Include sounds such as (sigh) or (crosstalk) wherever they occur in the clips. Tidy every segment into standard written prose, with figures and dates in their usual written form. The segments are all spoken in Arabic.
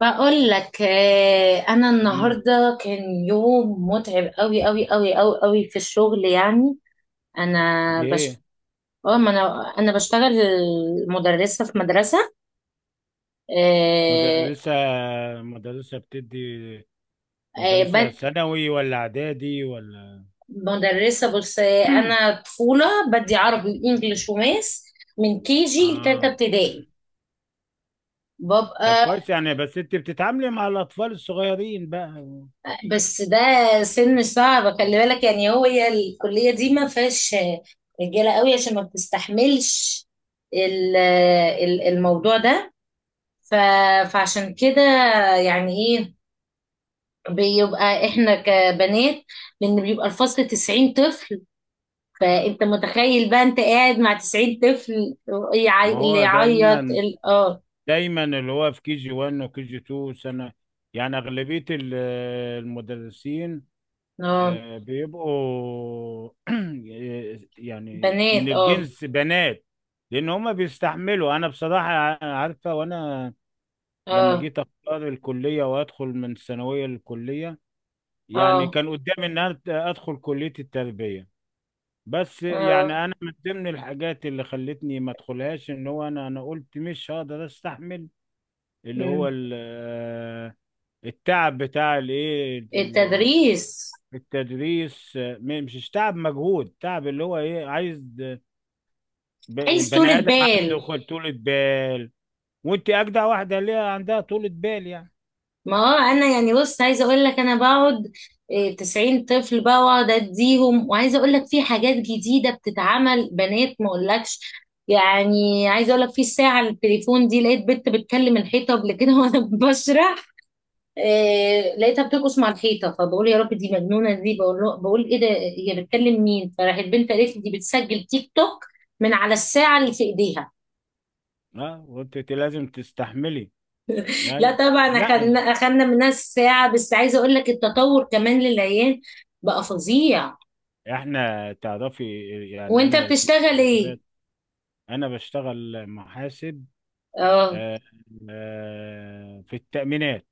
بقول لك انا امم النهارده كان يوم متعب قوي قوي قوي قوي قوي في الشغل يعني. انا بش ايه. اه ما انا بشتغل مدرسه، في مدرسه. آه، مدرسة، مدرسة بتدي، آه، مدرسة بد- ثانوي ولا اعدادي ولا مدرسه. بص، (clears throat) انا طفوله، بدي عربي وانجليش وماس من كي جي اه؟ لتالتة ابتدائي طب ببقى. كويس يعني، بس انت بتتعاملي مع الاطفال الصغيرين بقى. بس ده سن صعب، خلي بالك. يعني هي الكلية دي ما فيهاش رجالة قوي عشان ما بتستحملش ال- الموضوع ده. ف- فعشان كده يعني ايه بيبقى احنا كبنات، لان بيبقى الفصل 90 طفل. فانت متخيل بقى انت قاعد مع 90 طفل، ما اللي هو يعيط دايما دايما اللي هو في كي جي 1 وكي جي 2 سنة، يعني اغلبية المدرسين اه. بيبقوا (clears throat) يعني من بنات، اه، الجنس بنات، لان هما بيستحملوا. انا بصراحة عارفة، وانا لما اه، جيت اختار الكليه وادخل من الثانويه للكليه، يعني اه، كان قدامي ان انا ادخل كليه التربيه، بس يعني اه. انا من ضمن الحاجات اللي خلتني ما ادخلهاش ان هو انا قلت مش هقدر استحمل اللي مم. هو التعب بتاع الايه، التدريس التدريس. مش تعب مجهود، تعب اللي هو ايه، عايز عايز طولة بني ادم عنده بال. طولة بال. وانت اجدع واحده ليها عندها طولة بال يعني. ما هو انا يعني بص، عايزه اقول لك انا بقعد، 90 طفل بقى، واقعد اديهم. وعايزه اقول لك في حاجات جديده بتتعمل بنات ما اقولكش. يعني عايزه اقول لك، في الساعه التليفون دي لقيت بنت بتكلم الحيطه قبل كده (laughs) وانا بشرح. لقيتها بترقص مع الحيطه، فبقول يا رب دي مجنونه، دي بقول له بقول ايه ده هي بتكلم مين. فراحت البنت قالت لي دي بتسجل تيك توك من على الساعه اللي في ايديها. اه، وانت لازم تستحملي. لا ايوه. طبعا لا، اخدنا منها الساعة. بس عايزة اقول لك التطور كمان للعيال بقى فظيع. احنا تعرفي يعني وانت انا في بتشتغل ايه؟ ذكريات. انا بشتغل محاسب، اه. آه، في التأمينات.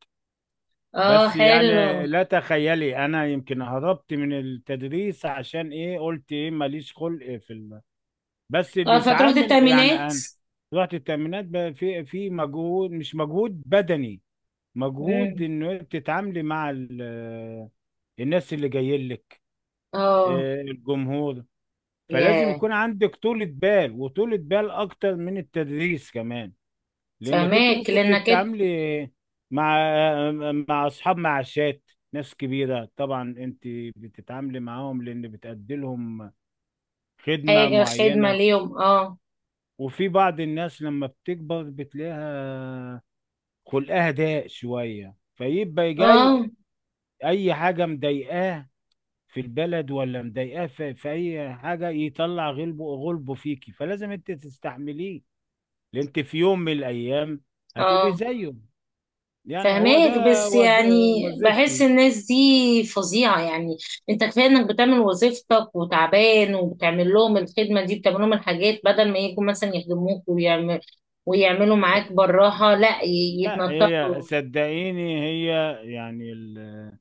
اه، بس يعني حلو. لا تخيلي، انا يمكن هربت من التدريس عشان ايه، قلت ايه ماليش خلق في الم... بس اللي اه، فتروح يتعامل يعني التأمينات. انا رحت التأمينات بقى، في في مجهود، مش مجهود بدني، مجهود مم. انه تتعاملي مع الناس اللي جايين لك، اه. الجمهور. فلازم ياه. يكون عندك طولة بال، وطولة بال أكتر من التدريس كمان. لأنك أنت فهماك ممكن لانك إنت. تتعاملي مع مع أصحاب معاشات، ناس كبيرة. طبعا أنت بتتعاملي معاهم لأن بتأدي لهم خدمة حاجة خدمة معينة. ليهم، اه. وفي بعض الناس لما بتكبر بتلاقيها خلقها ضيق شوية، فيبقى جاي اه. أي حاجة مضايقاه في البلد ولا مضايقاه في, في أي حاجة، يطلع غلبه غلبه فيكي، فلازم أنت تستحمليه. اللي انت في يوم من الايام هتبقي اه. زيه. يعني هو ده فهماك، بس وز... يعني بحس وظيفتي. الناس دي فظيعة يعني. انت كفاية انك بتعمل وظيفتك وتعبان وبتعمل لهم الخدمة دي، بتعمل لهم الحاجات، بدل ما يجوا مثلا يخدموك ويعمل ويعملوا معاك براها، لا لا هي يتنططوا. صدقيني، هي يعني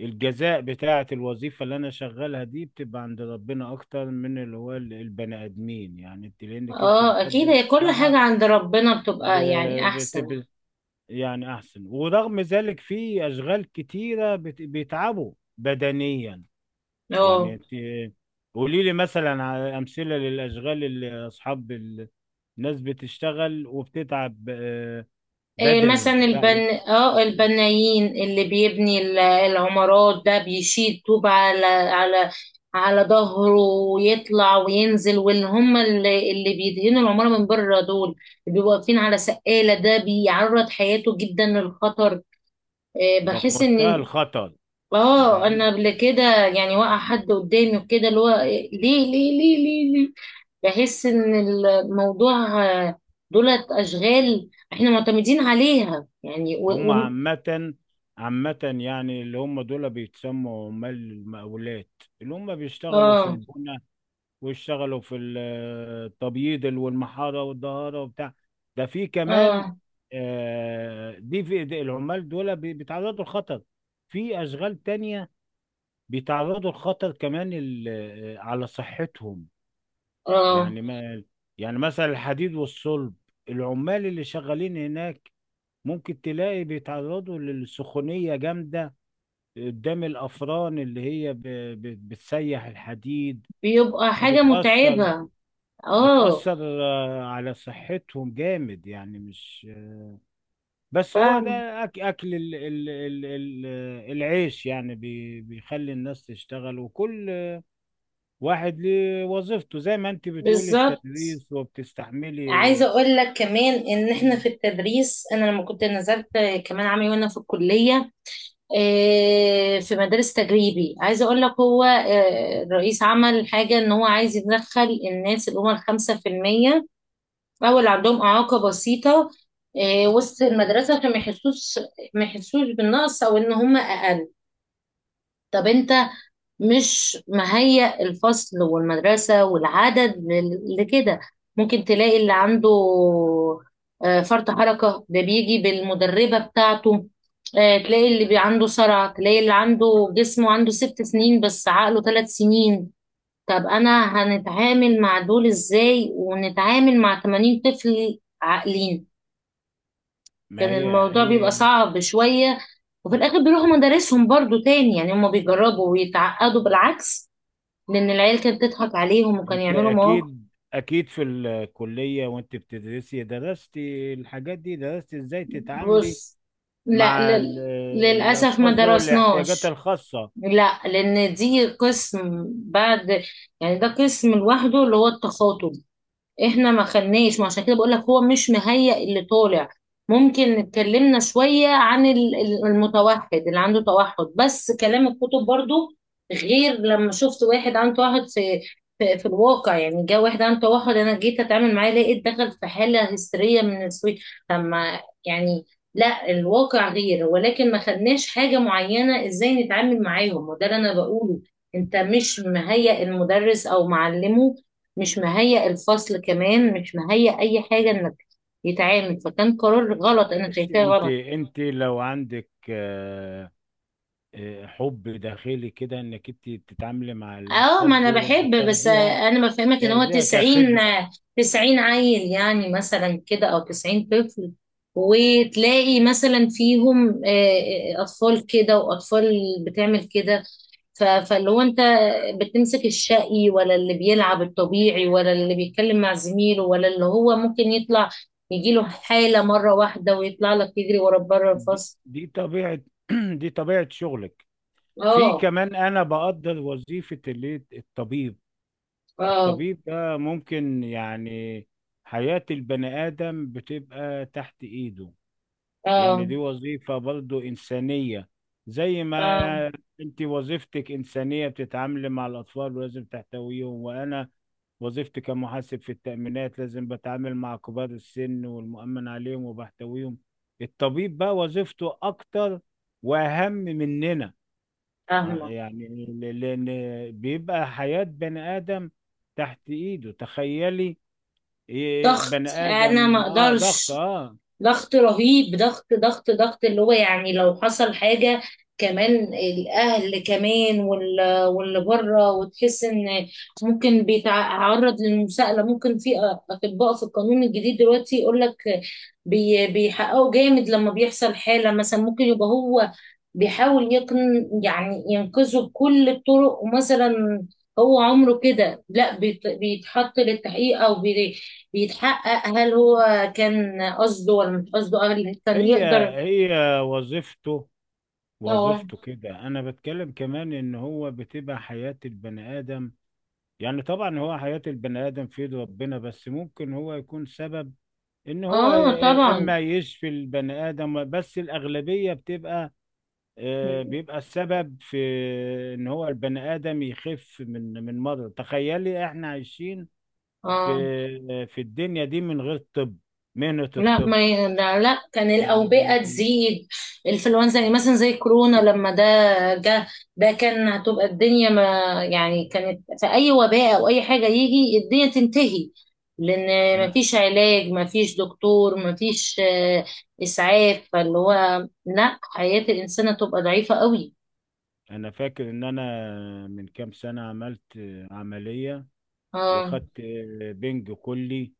الجزاء بتاعة الوظيفة اللي أنا شغالها دي بتبقى عند ربنا أكتر من اللي هو البني آدمين، يعني أنت لأنك أنت اه، اكيد، بتقدم هي كل حاجة مصلحة. عند ربنا بتبقى يعني احسن. بتبقى يعني أحسن، ورغم ذلك في أشغال كتيرة بيتعبوا بدنيا، يعني اه. انت قولي لي مثلا على امثله للاشغال اللي اصحاب الناس بتشتغل وبتتعب، إيه مثلا بدني البن بقى. اه، البنايين اللي بيبني العمارات، ده بيشيل طوب على على على ظهره ويطلع وينزل. واللي هم اللي بيدهنوا العمارة من بره دول، اللي بيبقوا واقفين على سقالة ده بيعرض حياته جدا للخطر. إيه، ده في بحس منتهى ان الخطر. اه، انا ده قبل كده يعني وقع حد قدامي وكده، اللي هو ليه ليه ليه ليه. بحس ان الموضوع دولت اشغال احنا معتمدين عليها يعني هم عامه، عامه يعني اللي هم دول بيتسموا عمال المقاولات، اللي هم بيشتغلوا في اه. البنى، ويشتغلوا في التبييض والمحاره والدهاره وبتاع، ده في كمان. اه. دي في العمال دول بيتعرضوا لخطر. في اشغال تانية بيتعرضوا لخطر كمان على صحتهم. اه، يعني ما يعني مثلا الحديد والصلب، العمال اللي شغالين هناك ممكن تلاقي بيتعرضوا للسخونية جامدة قدام الأفران اللي هي بتسيح الحديد. بيبقى حاجة فبتأثر، متعبة. اه. بتأثر على صحتهم جامد، يعني مش بس هو فاهم. ده. أكل ال ال ال ال آه، العيش يعني بيخلي الناس تشتغل، وكل واحد لوظيفته، زي ما انت بتقولي بالظبط. التدريس وبتستحملي. عايزة اقول لك كمان ان احنا مم. في التدريس، انا لما كنت نزلت كمان عامل وانا في الكلية، في مدارس تجريبي. عايزة اقول لك هو، الرئيس عمل حاجة ان هو عايز يدخل الناس اللي هم الخمسة في المية أو اللي عندهم إعاقة بسيطة وسط المدرسة عشان ما يحسوش، ما يحسوش بالنقص أو إن هم أقل. طب أنت مش مهيأ الفصل والمدرسة والعدد لكده. ممكن تلاقي اللي عنده فرط حركة ده بيجي بالمدربة بتاعته. تلاقي اللي عنده صرع، تلاقي اللي عنده جسمه عنده ست سنين بس عقله ثلاث سنين. طب أنا هنتعامل مع دول إزاي ونتعامل مع 80 طفل عاقلين؟ ما كان هي الموضوع بيبقى هي. صعب شوية. وفي الآخر بيروحوا مدارسهم برضو تاني، يعني هما بيجربوا ويتعقدوا بالعكس، لأن العيال كانت تضحك عليهم وكانوا انت يعملوا مواقف. اكيد اكيد في الكلية وانت بتدرسي درستي الحاجات دي، درستي ازاي تتعاملي بص، لا مع لل... للأسف ما الاشخاص ذوي الاحتياجات درسناش، الخاصة؟ لا، لأن دي قسم بعد. يعني ده قسم لوحده، اللي هو التخاطب. احنا ما خدناش، ما عشان كده بقول لك هو مش مهيأ اللي طالع. ممكن اتكلمنا شوية عن المتوحد اللي عنده توحد، بس كلام الكتب، برضو غير لما شفت واحد عنده توحد في الواقع. يعني جه واحد عنده توحد، انا جيت اتعامل معاه لقيت دخل في حالة هستيرية من السويد لما يعني. لا، الواقع غير، ولكن ما خدناش حاجة معينة ازاي نتعامل معاهم، وده اللي انا بقوله. انت مش مهيأ المدرس او معلمه، مش مهيأ الفصل كمان، مش مهيأ اي حاجة انك يتعامل، فكان قرار غلط، انا معلش، شايفاه انت غلط. انت لو عندك حب داخلي كده انك انت تتعاملي مع اه، الاشخاص ما انا ديت بحب. بس بتاخديها، انا بفهمك ان هو تاخديها 90، كخدمة. 90 عيل يعني مثلا كده، او 90 طفل، وتلاقي مثلا فيهم اطفال كده واطفال بتعمل كده. فاللي هو انت بتمسك الشقي، ولا اللي بيلعب الطبيعي، ولا اللي بيتكلم مع زميله، ولا اللي هو ممكن يطلع يجيله حالة مرة واحدة ويطلع لك يجري ورا بره دي, الفصل. دي طبيعة (clears throat) دي طبيعة شغلك. في اه. كمان، أنا بقدر وظيفة اللي الطبيب، اه. الطبيب ده ممكن يعني حياة البني آدم بتبقى تحت إيده، يعني اه. دي وظيفة برضو إنسانية، زي ما اه. آه، أنت وظيفتك إنسانية بتتعاملي مع الأطفال ولازم تحتويهم، وأنا وظيفتي كمحاسب في التأمينات لازم بتعامل مع كبار السن والمؤمن عليهم وبحتويهم. الطبيب بقى وظيفته أكتر وأهم مننا، فاهمة. يعني لأن بيبقى حياة بني آدم تحت إيده. تخيلي، ضغط، بني انا ما آدم، آه ضغط اقدرش. آه. ضغط رهيب، ضغط ضغط ضغط اللي هو يعني لو حصل حاجة. كمان الأهل كمان واللي بره، وتحس إن ممكن بيتعرض للمساءلة. ممكن في أطباء في القانون الجديد دلوقتي يقول لك بيحققوا جامد لما بيحصل حالة. مثلا ممكن يبقى هو بيحاول يقن يعني ينقذه بكل الطرق، ومثلا هو عمره كده، لا بيتحط للتحقيق أو بيتحقق هل هو كان قصده ولا مش قصده، قبل كان هي يقدر. هي وظيفته، اه. وظيفته كده. انا بتكلم كمان ان هو بتبقى حياة البني ادم، يعني طبعا هو حياة البني ادم في ايد ربنا، بس ممكن هو يكون سبب ان هو ي- اه، إيه، طبعا. اما يشفي البني ادم، بس الاغلبية بتبقى مم. بيبقى السبب في ان هو البني ادم يخف من من مرض. تخيلي احنا عايشين في اه. في الدنيا دي من غير طب، مهنة لا، الطب، ما ي- لا لا، كان يعني. الاوبئه تزيد، الانفلونزا، يعني مثلا زي كورونا لما ده جه. ده كان هتبقى الدنيا، ما يعني كانت في اي وباء او اي حاجه يجي الدنيا تنتهي. لان ما انا فيش علاج، ما فيش دكتور، ما فيش اسعاف. فاللي هو لا، حياه الانسان هتبقى ضعيفه قوي. انا فاكر ان انا من كام سنة عملت عملية، اه. واخدت بنج كلي.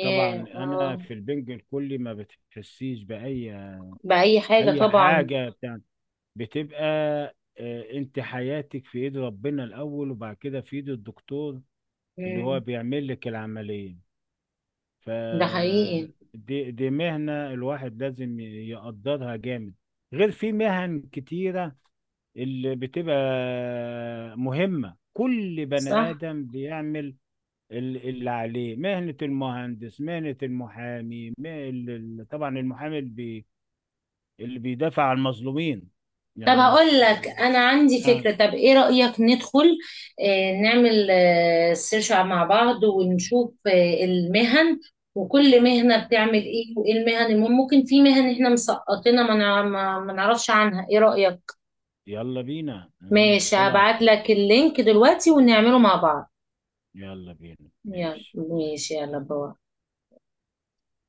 طبعا انا اه. في البنج الكلي ما بتحسيش باي بأي حاجة اي طبعا. حاجة. بتاع بتبقى انت حياتك في ايد ربنا الاول، وبعد كده في ايد الدكتور اللي هو مم. بيعمل لك العملية. ف ده حقيقي. دي, دي مهنة الواحد لازم يقدرها جامد. غير في مهن كتيرة اللي بتبقى مهمة، كل بني صح. آدم بيعمل اللي عليه، مهنة المهندس، مهنة المحامي، طبعا المحامي اللي بيدافع عن المظلومين، طب يعني هقول مش لك انا عندي آه. فكرة. طب ايه رأيك ندخل نعمل سيرش مع بعض ونشوف المهن، وكل مهنة بتعمل ايه، وايه المهن المهم؟ ممكن في مهن احنا مسقطينها، ما نع- ما ما نعرفش عنها، ايه رأيك؟ يلا بينا ماشي، ندخل على. هبعت لك اللينك دلوقتي ونعمله مع بعض. يلا بينا، يلا ماشي ماشي، ماشي. يلا باي.